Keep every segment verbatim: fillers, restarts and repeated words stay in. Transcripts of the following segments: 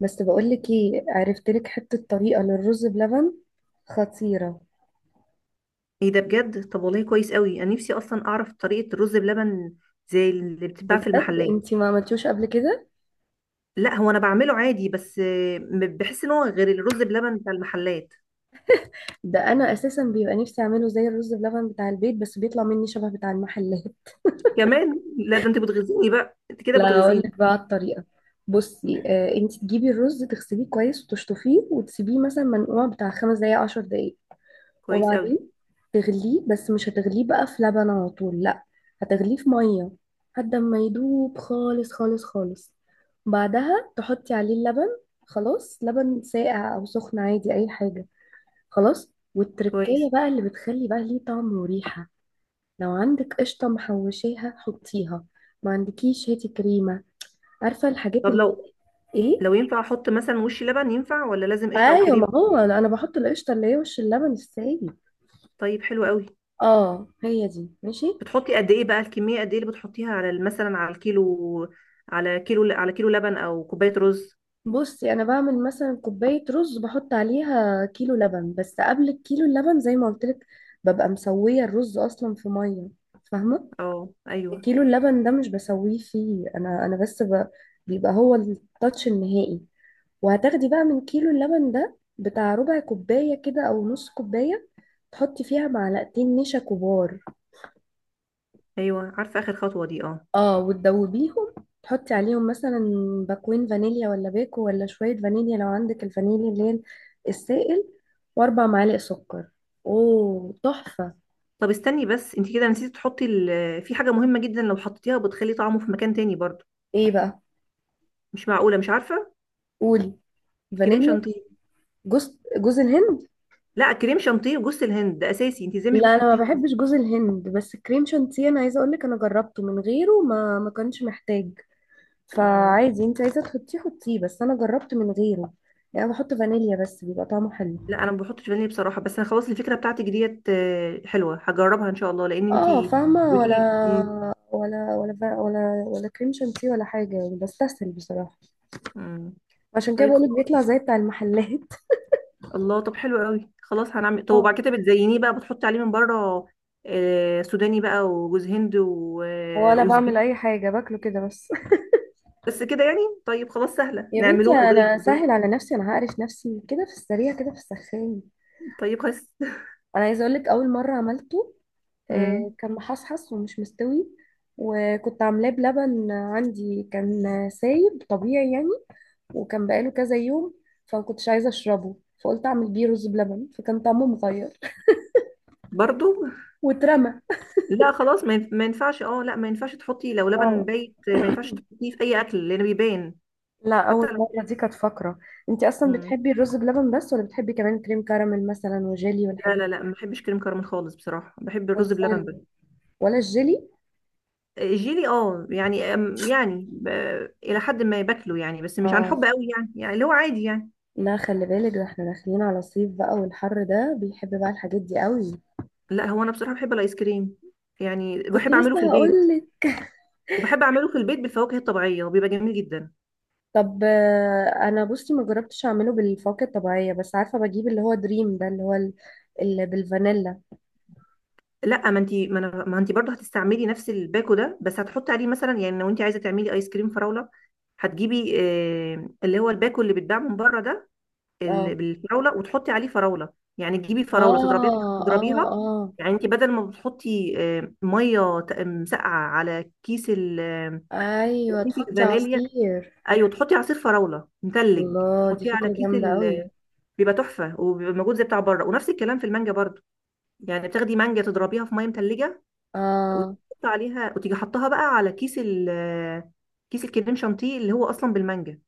بس بقولك ايه، عرفت لك حتة طريقة للرز بلبن خطيرة. ايه ده؟ بجد؟ طب والله كويس قوي، انا نفسي اصلا اعرف طريقه الرز بلبن زي اللي بتتباع في بجد المحلات. انتي ما عملتوش قبل كده؟ لا، هو انا بعمله عادي، بس آه، م- بحس ان هو غير الرز بلبن بتاع المحلات. ده انا اساسا بيبقى نفسي اعمله زي الرز بلبن بتاع البيت، بس بيطلع مني شبه بتاع المحلات. كمان؟ لا، ده انت بتغيظيني بقى، انت كده لا اقول بتغيظيني. لك بقى الطريقة. بصي آه، انتي تجيبي الرز تغسليه كويس وتشطفيه وتسيبيه مثلا منقوع بتاع خمس دقايق عشر دقايق. كويس وبعدين قوي. تغليه، بس مش هتغليه بقى في لبن على طول، لا، هتغليه في ميه لحد ما يدوب خالص خالص خالص. بعدها تحطي عليه اللبن. خلاص لبن ساقع او سخن، عادي اي حاجه. خلاص، كويس. والتركية بقى اللي بتخلي بقى ليه طعم وريحه. لو عندك قشطه محوشاها حطيها، ما عندكيش هاتي كريمه. عارفه الحاجات طب اللي. لو ايه؟ لو ينفع احط مثلا وش لبن، ينفع ولا لازم قشطه او ايوه، كريم؟ ما هو انا بحط القشطه اللي هي وش اللبن السايب. طيب، حلو قوي. اه، هي دي ماشي. بتحطي قد ايه بقى؟ الكميه قد ايه اللي بتحطيها على ال- مثلا على الكيلو؟ على كيلو، على كيلو لبن او كوبايه رز؟ بصي انا بعمل مثلا كوبايه رز، بحط عليها كيلو لبن. بس قبل الكيلو اللبن، زي ما قلت لك، ببقى مسويه الرز اصلا في ميه. فاهمه؟ اه، ايوه. كيلو اللبن ده مش بسويه فيه، انا انا بس ب... بيبقى هو التاتش النهائي. وهتاخدي بقى من كيلو اللبن ده بتاع ربع كوبايه كده او نص كوبايه، تحطي فيها معلقتين نشا كبار. ايوه، عارفه اخر خطوه دي، اه. اه، وتدوبيهم. تحطي عليهم مثلا باكوين فانيليا ولا باكو، ولا شوية فانيليا لو عندك الفانيليا اللي هي السائل، واربع معالق سكر. اوه تحفة. طب استني بس، انت كده نسيتي تحطي ال... في حاجه مهمه جدا، لو حطيتيها بتخلي طعمه في مكان تاني برضو. ايه بقى؟ مش معقوله، مش عارفه. قولي. كريم فانيليا. شانتيه. جوز، جوز الهند. لا، كريم شانتيه وجوز الهند ده اساسي، انت ازاي مش لا انا ما بتحطيهم اصلا؟ بحبش جوز الهند، بس كريم شانتيه انا عايزه اقول لك انا جربته من غيره، ما ما كانش محتاج. مم. فعادي، انت عايزه تحطيه حطيه، بس انا جربت من غيره. يعني أنا بحط فانيليا بس بيبقى طعمه حلو. لا، انا ما بحطش فانيليا بصراحه، بس انا خلاص الفكره بتاعتك ديت آه، حلوه، هجربها ان شاء الله، لان انت اه فاهمة، ولا بتقولي مم. ولا ولا فا- ولا ولا كريم شانتيه ولا حاجة، يعني بستسهل بصراحة. مم. عشان كده طيب بقولك خلاص. بيطلع زي بتاع المحلات. الله، طب حلو قوي، خلاص هنعمل. طب اه. وبعد كده بتزينيه بقى، بتحطي عليه من بره آه، سوداني بقى وجوز هند و- آه، ولا بعمل وزبيب. أي حاجة، باكله كده بس. بس كده يعني. طيب خلاص، سهله، يا بنتي نعملوها زيك أنا سهل بالظبط. على نفسي، أنا هقرف نفسي كده في السريع كده في السخان. طيب خس. أنا عايزة أقولك، أول مرة عملته آه، امم. كان محصحص ومش مستوي. وكنت عاملاه بلبن، عندي كان سايب طبيعي يعني، وكان بقاله كذا يوم، فما كنتش عايزة أشربه. فقلت أعمل بيه رز بلبن، فكان طعمه مغير برضو. واترمى. لا خلاص، ما ينف- ما ينفعش، اه لا، ما ينفعش تحطي، لو لبن اه. بايت ما ينفعش تحطيه في اي اكل لان بيبان. لا، حتى اول لو. مره دي كانت فقره. انت اصلا مم. بتحبي الرز بلبن بس، ولا بتحبي كمان كريم كراميل مثلا وجيلي لا، والحاجات لا، دي؟ لا، ما بحبش كريم كراميل خالص بصراحه، بحب الرز بلبن بتهزري. بس. ولا الجيلي؟ الجيلي اه، يعني أم- يعني ب... الى حد ما باكله يعني، بس مش عن حب اه. قوي يعني يعني اللي هو عادي يعني. لا، خلي بالك، ده احنا داخلين على صيف بقى، والحر ده بيحب بقى الحاجات دي قوي. لا هو، انا بصراحه بحب الايس كريم، يعني كنت بحب اعمله في لسه البيت، هقول لك. وبحب اعمله في البيت بالفواكه الطبيعيه، وبيبقى جميل جدا. طب آه، انا بصي ما جربتش اعمله بالفواكه الطبيعيه، بس عارفه بجيب اللي هو دريم ده، اللي هو ال- اللي بالفانيلا. لا ما انت ما, أنا- ما انت برضه هتستعملي نفس الباكو ده، بس هتحطي عليه مثلا، يعني لو انت عايزه تعملي ايس كريم فراوله، هتجيبي آه، اللي هو الباكو اللي بيتباع من بره ده، ال- اه بالفراوله، وتحطي عليه فراوله، يعني تجيبي اه فراوله تضربيها، اه. تضربيها. اه، يعني انت بدل ما بتحطي آه، ميه ت- مسقعه على كيس ال- آه، ايوه كيس تحطي الفانيليا، عصير. ايوه تحطي عصير فراوله مثلج، الله، دي تحطيه على فكرة كيس جامدة قوي. ال- بيبقى تحفه، وبيبقى موجود زي بتاع بره، ونفس الكلام في المانجا برضه. يعني بتاخدي مانجا، تضربيها في ميه مثلجه، اه. وتحط عليها، وتيجي حطها بقى على كيس ال كيس الكريم شانتيه اللي هو اصلا بالمانجا.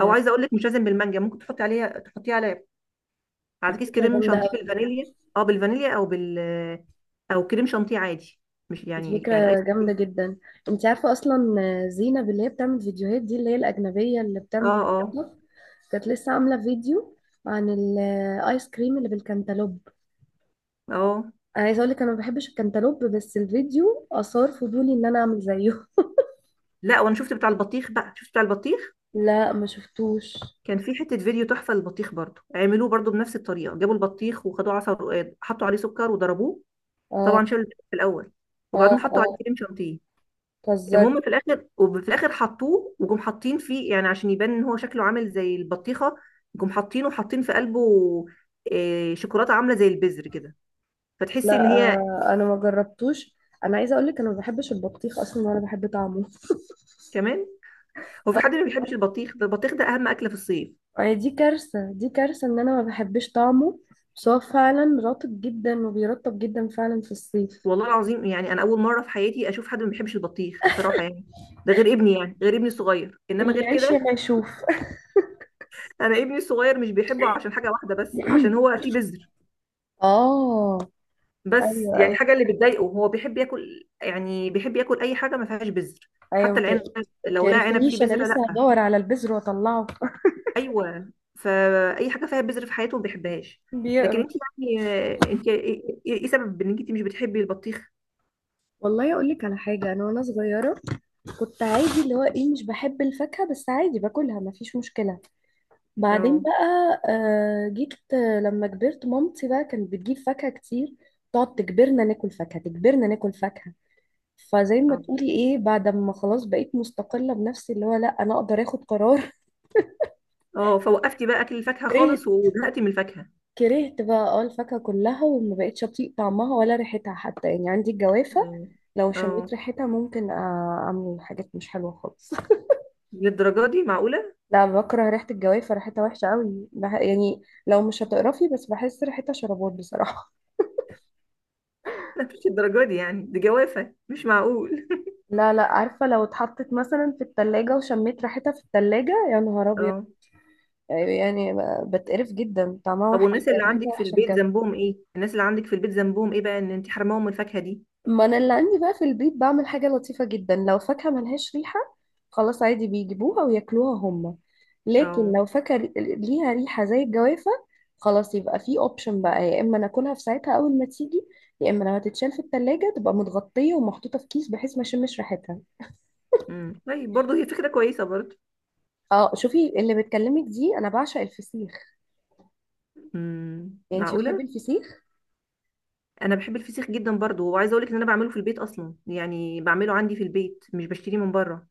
او عايزه اقول لك، مش لازم بالمانجا، ممكن تحطي عليها، تحطيه على على دي كيس فكرة كريم جامدة شانتيه قوي. بالفانيليا، اه بالفانيليا، او بال او كريم شانتيه عادي، مش دي يعني، يعني ايس فكرة كريم. جامدة جدا. انت عارفة اصلا زينب اللي هي بتعمل فيديوهات دي، اللي هي الأجنبية اللي اه، بتعمل اه، TikTok، كانت لسه عاملة فيديو عن الايس كريم اللي بالكنتالوب. اه. انا عايزة اقولك انا ما بحبش الكنتالوب، بس الفيديو اثار فضولي ان انا اعمل زيه. لا، وانا شفت بتاع البطيخ بقى، شفت بتاع البطيخ. لا، ما شفتوش. كان في حته فيديو تحفه للبطيخ، برضو عملوه برضو بنفس الطريقه، جابوا البطيخ وخدوه عصا ورقاد، حطوا عليه سكر وضربوه. اه طبعا شالوا البطيخ في الاول، اه وبعدين حطوا عليه اه. كريم شانتيه. بتهزري. المهم، في الاخر، وفي الاخر حطوه، وجم حاطين فيه يعني عشان يبان ان هو شكله عامل زي البطيخه. جم حاطينه، حاطين في قلبه آه، شوكولاته عامله زي البذر كده، لا فتحسي ان هي آه، انا ما جربتوش. انا عايزه اقول لك انا ما بحبش البطيخ اصلا ولا بحب طعمه. كمان. هو اه. في حد ما بيحبش البطيخ؟ ده البطيخ ده اهم اكله في الصيف. آه، دي كارثة، دي كارثة ان انا ما بحبش طعمه. بس هو فعلا رطب جدا وبيرطب جدا فعلا في الصيف. والله العظيم، يعني انا اول مره في حياتي اشوف حد ما بيحبش البطيخ بصراحه يعني. ده غير ابني، يعني غير ابني الصغير، انما اللي غير يعيش ما كده. يشوف. انا ابني الصغير مش بيحبه عشان حاجه واحده بس، عشان هو فيه بذر. اه. بس ايوه يعني الحاجه ايوه اللي بتضايقه، هو بيحب ياكل يعني، بيحب ياكل اي حاجه ما فيهاش بذر. ايوه حتى العنب، مت-. لو لقى عنب فيه متقرفنيش، انا بذره لسه لا. هدور على البذر واطلعه. ايوه. فاي حاجه فيها بذر في حياته ما بيحبهاش. لكن انت، بيقرف. يعني آه، انت ايه إيه- إيه سبب ان انت مش بتحبي البطيخ؟ والله اقول لك على حاجه، انا وانا صغيره كنت عادي، اللي هو ايه، مش بحب الفاكهه، بس عادي باكلها ما فيش مشكله. بعدين اه. بقى آه، جيت آه، لما كبرت مامتي بقى كانت بتجيب فاكهة كتير، تقعد تجبرنا ناكل فاكهة تجبرنا ناكل فاكهة. فزي ما اه، تقولي ايه، بعد ما خلاص بقيت مستقلة بنفسي اللي هو لا انا اقدر اخد قرار. اه. فوقفتي بقى اكل الفاكهه كرهت. خالص، وزهقتي من الفاكهه؟ كرهت بقى اه الفاكهة كلها، وما بقتش اطيق طعمها ولا ريحتها، حتى يعني عندي الجوافة يعني. لو شميت اه. ريحتها ممكن آه، اعمل حاجات مش حلوة خالص. للدرجه دي؟ معقوله؟ لا، بكره ريحة الجوافة، ريحتها وحشة قوي بح- يعني لو مش هتقرفي بس، بحس ريحتها شربات بصراحة. لا، مش الدرجه دي يعني، دي جوافه مش معقول. لا لا، عارفة لو اتحطت مثلا في التلاجة، وشميت ريحتها في التلاجة، يا نهار أبيض. اه. يعني ب- بتقرف جدا، طعمها طب وحش. والناس اللي عندك ريحتها في وحشة البيت بجد. ذنبهم ايه؟ الناس اللي عندك في البيت ذنبهم ايه بقى ان انت حرماهم من الفاكهه دي؟ ما أنا اللي عندي بقى في البيت بعمل حاجة لطيفة جدا. لو فاكهة ملهاش ريحة، خلاص عادي بيجيبوها وياكلوها هما. لكن اه. لو فاكهة ري- ليها ريحة زي الجوافة، خلاص يبقى في اوبشن بقى: يا اما ناكلها في ساعتها اول ما تيجي، يا اما لو هتتشال في التلاجة تبقى متغطية ومحطوطة في كيس بحيث ما اشمش ريحتها. امم، طيب برضه، هي فكره كويسه برضه. اه. شوفي اللي بتكلمك دي انا بعشق الفسيخ. امم، يعني انت معقوله. بتحبي الفسيخ؟ انا بحب الفسيخ جدا برضه، وعايزه اقول لك ان انا بعمله في البيت اصلا، يعني بعمله عندي في البيت، مش بشتريه من بره.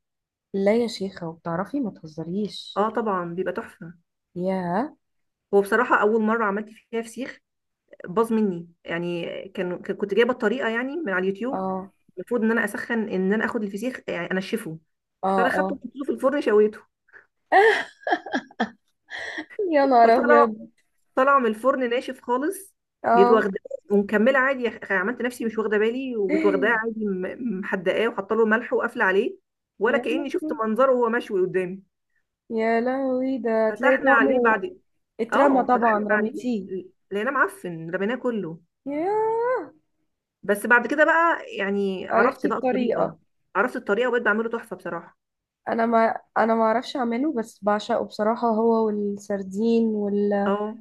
لا يا شيخة، وبتعرفي؟ ما تهزريش. اه طبعا، بيبقى تحفه. يا. هو بصراحه اول مره عملت فيها فسيخ، باظ مني، يعني كان كان- كنت جايبه الطريقه يعني من على اليوتيوب. اه المفروض ان انا اسخن، ان انا اخد الفسيخ يعني انشفه. اه فانا خدته اه. وحطيته في الفرن، شويته، يا نهار فطلع، ابيض. طالعه من الفرن ناشف خالص. جيت اه. واخداه، ومكمله عادي، خ- عملت نفسي مش واخده بالي، وجيت واخداه عادي، م- محدقاه وحاطه له ملح وقافله عليه، ولا يا كاني شفت لهوي، منظره وهو مشوي قدامي. يا لهوي، ده هتلاقي فتحنا عليه طعمه. بعد. اترمى؟ اه، فتحنا طبعا عليه رميتيه. ل- لقيناه معفن، رميناه كله. ياه. بس بعد كده بقى، يعني عرفت عرفتي بقى الطريقه. الطريقة. عرفت الطريقه وبقيت بعمله تحفه بصراحه. انا ما، انا ما اعرفش اعمله، بس بعشقه بصراحة، هو والسردين وال... اه،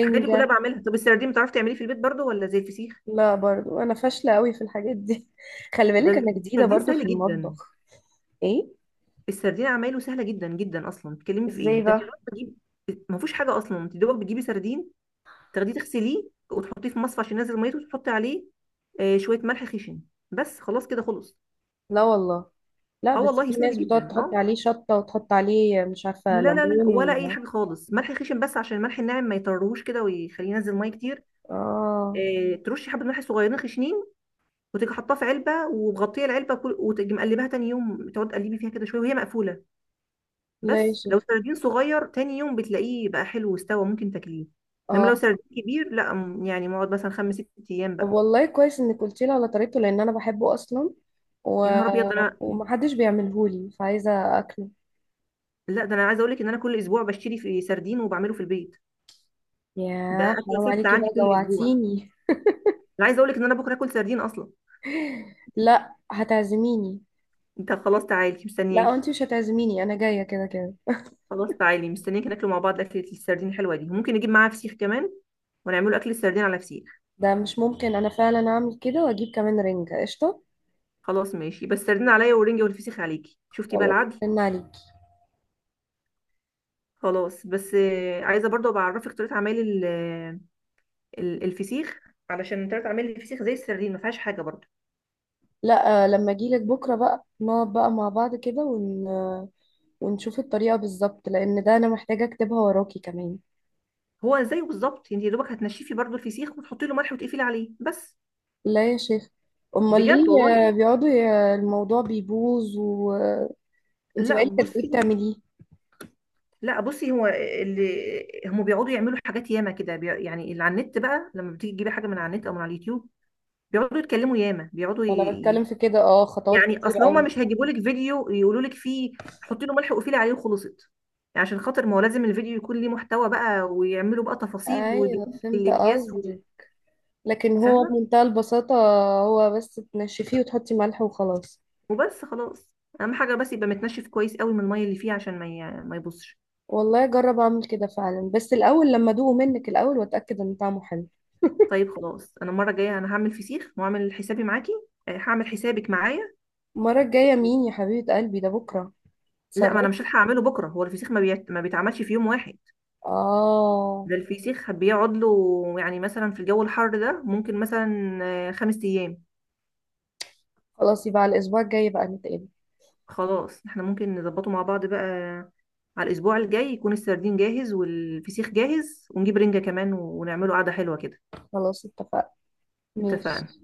الحاجات دي كلها بعملها. طب السردين بتعرفي تعمليه في البيت برضو، ولا زي الفسيخ؟ لا، برضو انا فاشلة قوي في الحاجات دي. خلي ده بالك انا جديدة السردين برضو في سهل جدا. المطبخ. ايه؟ السردين عمايله سهله جدا جدا، اصلا بتتكلمي في ازاي ايه؟ ده انت بقى؟ دوبك بتجيبي. ما فيهوش حاجه اصلا، انت دوبك بتجيبي سردين، تاخديه تغسليه وتحطيه في مصفى عشان ينزل ميته، وتحطي عليه آه شويه ملح خشن، بس خلاص كده، خلص. لا والله. لا اه بس والله، في سهل ناس بتقعد جدا، تحط اه. عليه شطة وتحط عليه مش عارفة لا، لا، لا، ليمون. ولا اي و... حاجه خالص، ملح خشن بس، عشان الملح الناعم ما يطرهوش كده، ويخليه ينزل ميه كتير. اه. آه ترشي حبه ملح صغيرين خشنين، وتيجي حاطاه في علبه ومغطيه العلبه، كل- وتيجي مقلباها تاني يوم، تقعد تقلبي فيها كده شويه وهي مقفوله. لا يا بس لو شيخ. سردين صغير، تاني يوم بتلاقيه بقى حلو واستوى، ممكن تاكليه. انما لو اه. سردين كبير، لا م- يعني مقعد مثلا خمس ست ايام طب بقى. والله كويس انك قلتي لي على طريقته، لان انا بحبه اصلا. و... يا نهار ابيض، ده انا. ومحدش بيعملهولي، فعايزة اكله. لا ده انا عايزه اقول لك ان انا كل اسبوع بشتري في سردين وبعمله في البيت. يا بقى اكله حرام ثابته عليكي عندي بقى، كل اسبوع. جوعتيني. انا عايزه اقول لك ان انا بكره اكل سردين اصلا. لا، هتعزميني. انت خلاص، تعالي لا، مستنياكي. انت مش هتعزميني، انا جاية كده كده. خلاص، تعالي مستنياكي، ناكله مع بعض، اكله السردين الحلوه دي، وممكن نجيب معاها فسيخ كمان، ونعمله اكل السردين على فسيخ. ده مش ممكن، انا فعلا اعمل كده واجيب كمان رنجة قشطة. خلاص ماشي، بس السردين عليا، والرنجه والفسيخ عليكي، شفتي بقى خلاص. العدل؟ رن عليكي. خلاص، بس آه، عايزه برضو بعرفك طريقه عمل ال- ال- الفسيخ. علشان طريقه عمل الفسيخ زي السردين، ما فيهاش حاجه برضو. لا آه، لما اجيلك بكرة بقى نقعد بقى مع بعض كده ون... ونشوف الطريقة بالظبط، لأن ده أنا محتاجة أكتبها وراكي كمان. هو زيه بالظبط، انت يا دوبك هتنشفي برضو الفسيخ، وتحطي له ملح وتقفلي عليه بس. لا يا شيخ. أمال بجد ليه؟ والله. آه، بيقعدوا ي- الموضوع بيبوظ، وأنت لا بقالك قد إيه بصي. بتعمليه؟ لا بصي، هو اللي هم بيقعدوا يعملوا حاجات ياما كده، بي- يعني اللي على النت بقى، لما بتيجي تجيبي حاجه من على النت او من على اليوتيوب، بيقعدوا يتكلموا ياما بيقعدوا. ما أنا بتكلم في كده، أه خطوات يعني كتير اصل هما أوي. مش هيجيبوا لك فيديو يقولوا لك فيه: حطي له ملح وقفلي عليه وخلصت. يعني عشان خاطر، ما هو لازم الفيديو يكون ليه محتوى بقى، ويعملوا بقى تفاصيل أيوه ويجيبوا لك فهمت الاكياس و- قصدك. لكن هو فاهمه. بمنتهى البساطة، هو بس تنشفيه وتحطي ملح وخلاص. وبس خلاص. اهم حاجه بس يبقى متنشف كويس قوي من الميه اللي فيه، عشان ما ي- ما يبصش. والله أجرب أعمل كده فعلا، بس الأول لما أدوقه منك الأول وأتأكد إن طعمه حلو. طيب خلاص، انا المره الجايه انا هعمل فسيخ وهعمل حسابي معاكي. آه، هعمل حسابك معايا. المرة الجاية مين يا حبيبة قلبي؟ ده بكرة. لا، ما انا تصرفي. مش هلحق اعمله بكره، هو الفسيخ ما, بيت... ما بيتعملش في يوم واحد. آه. ده الفسيخ بيقعد له يعني مثلا، في الجو الحر ده ممكن مثلا آه، خمس ايام. خلاص يبقى على الأسبوع الجاي بقى نتقابل. خلاص، احنا ممكن نظبطه مع بعض بقى، على الاسبوع الجاي يكون السردين جاهز والفسيخ جاهز، ونجيب رنجة كمان، ونعمله قعدة حلوة كده. خلاص اتفقنا. اتفقنا. ماشي.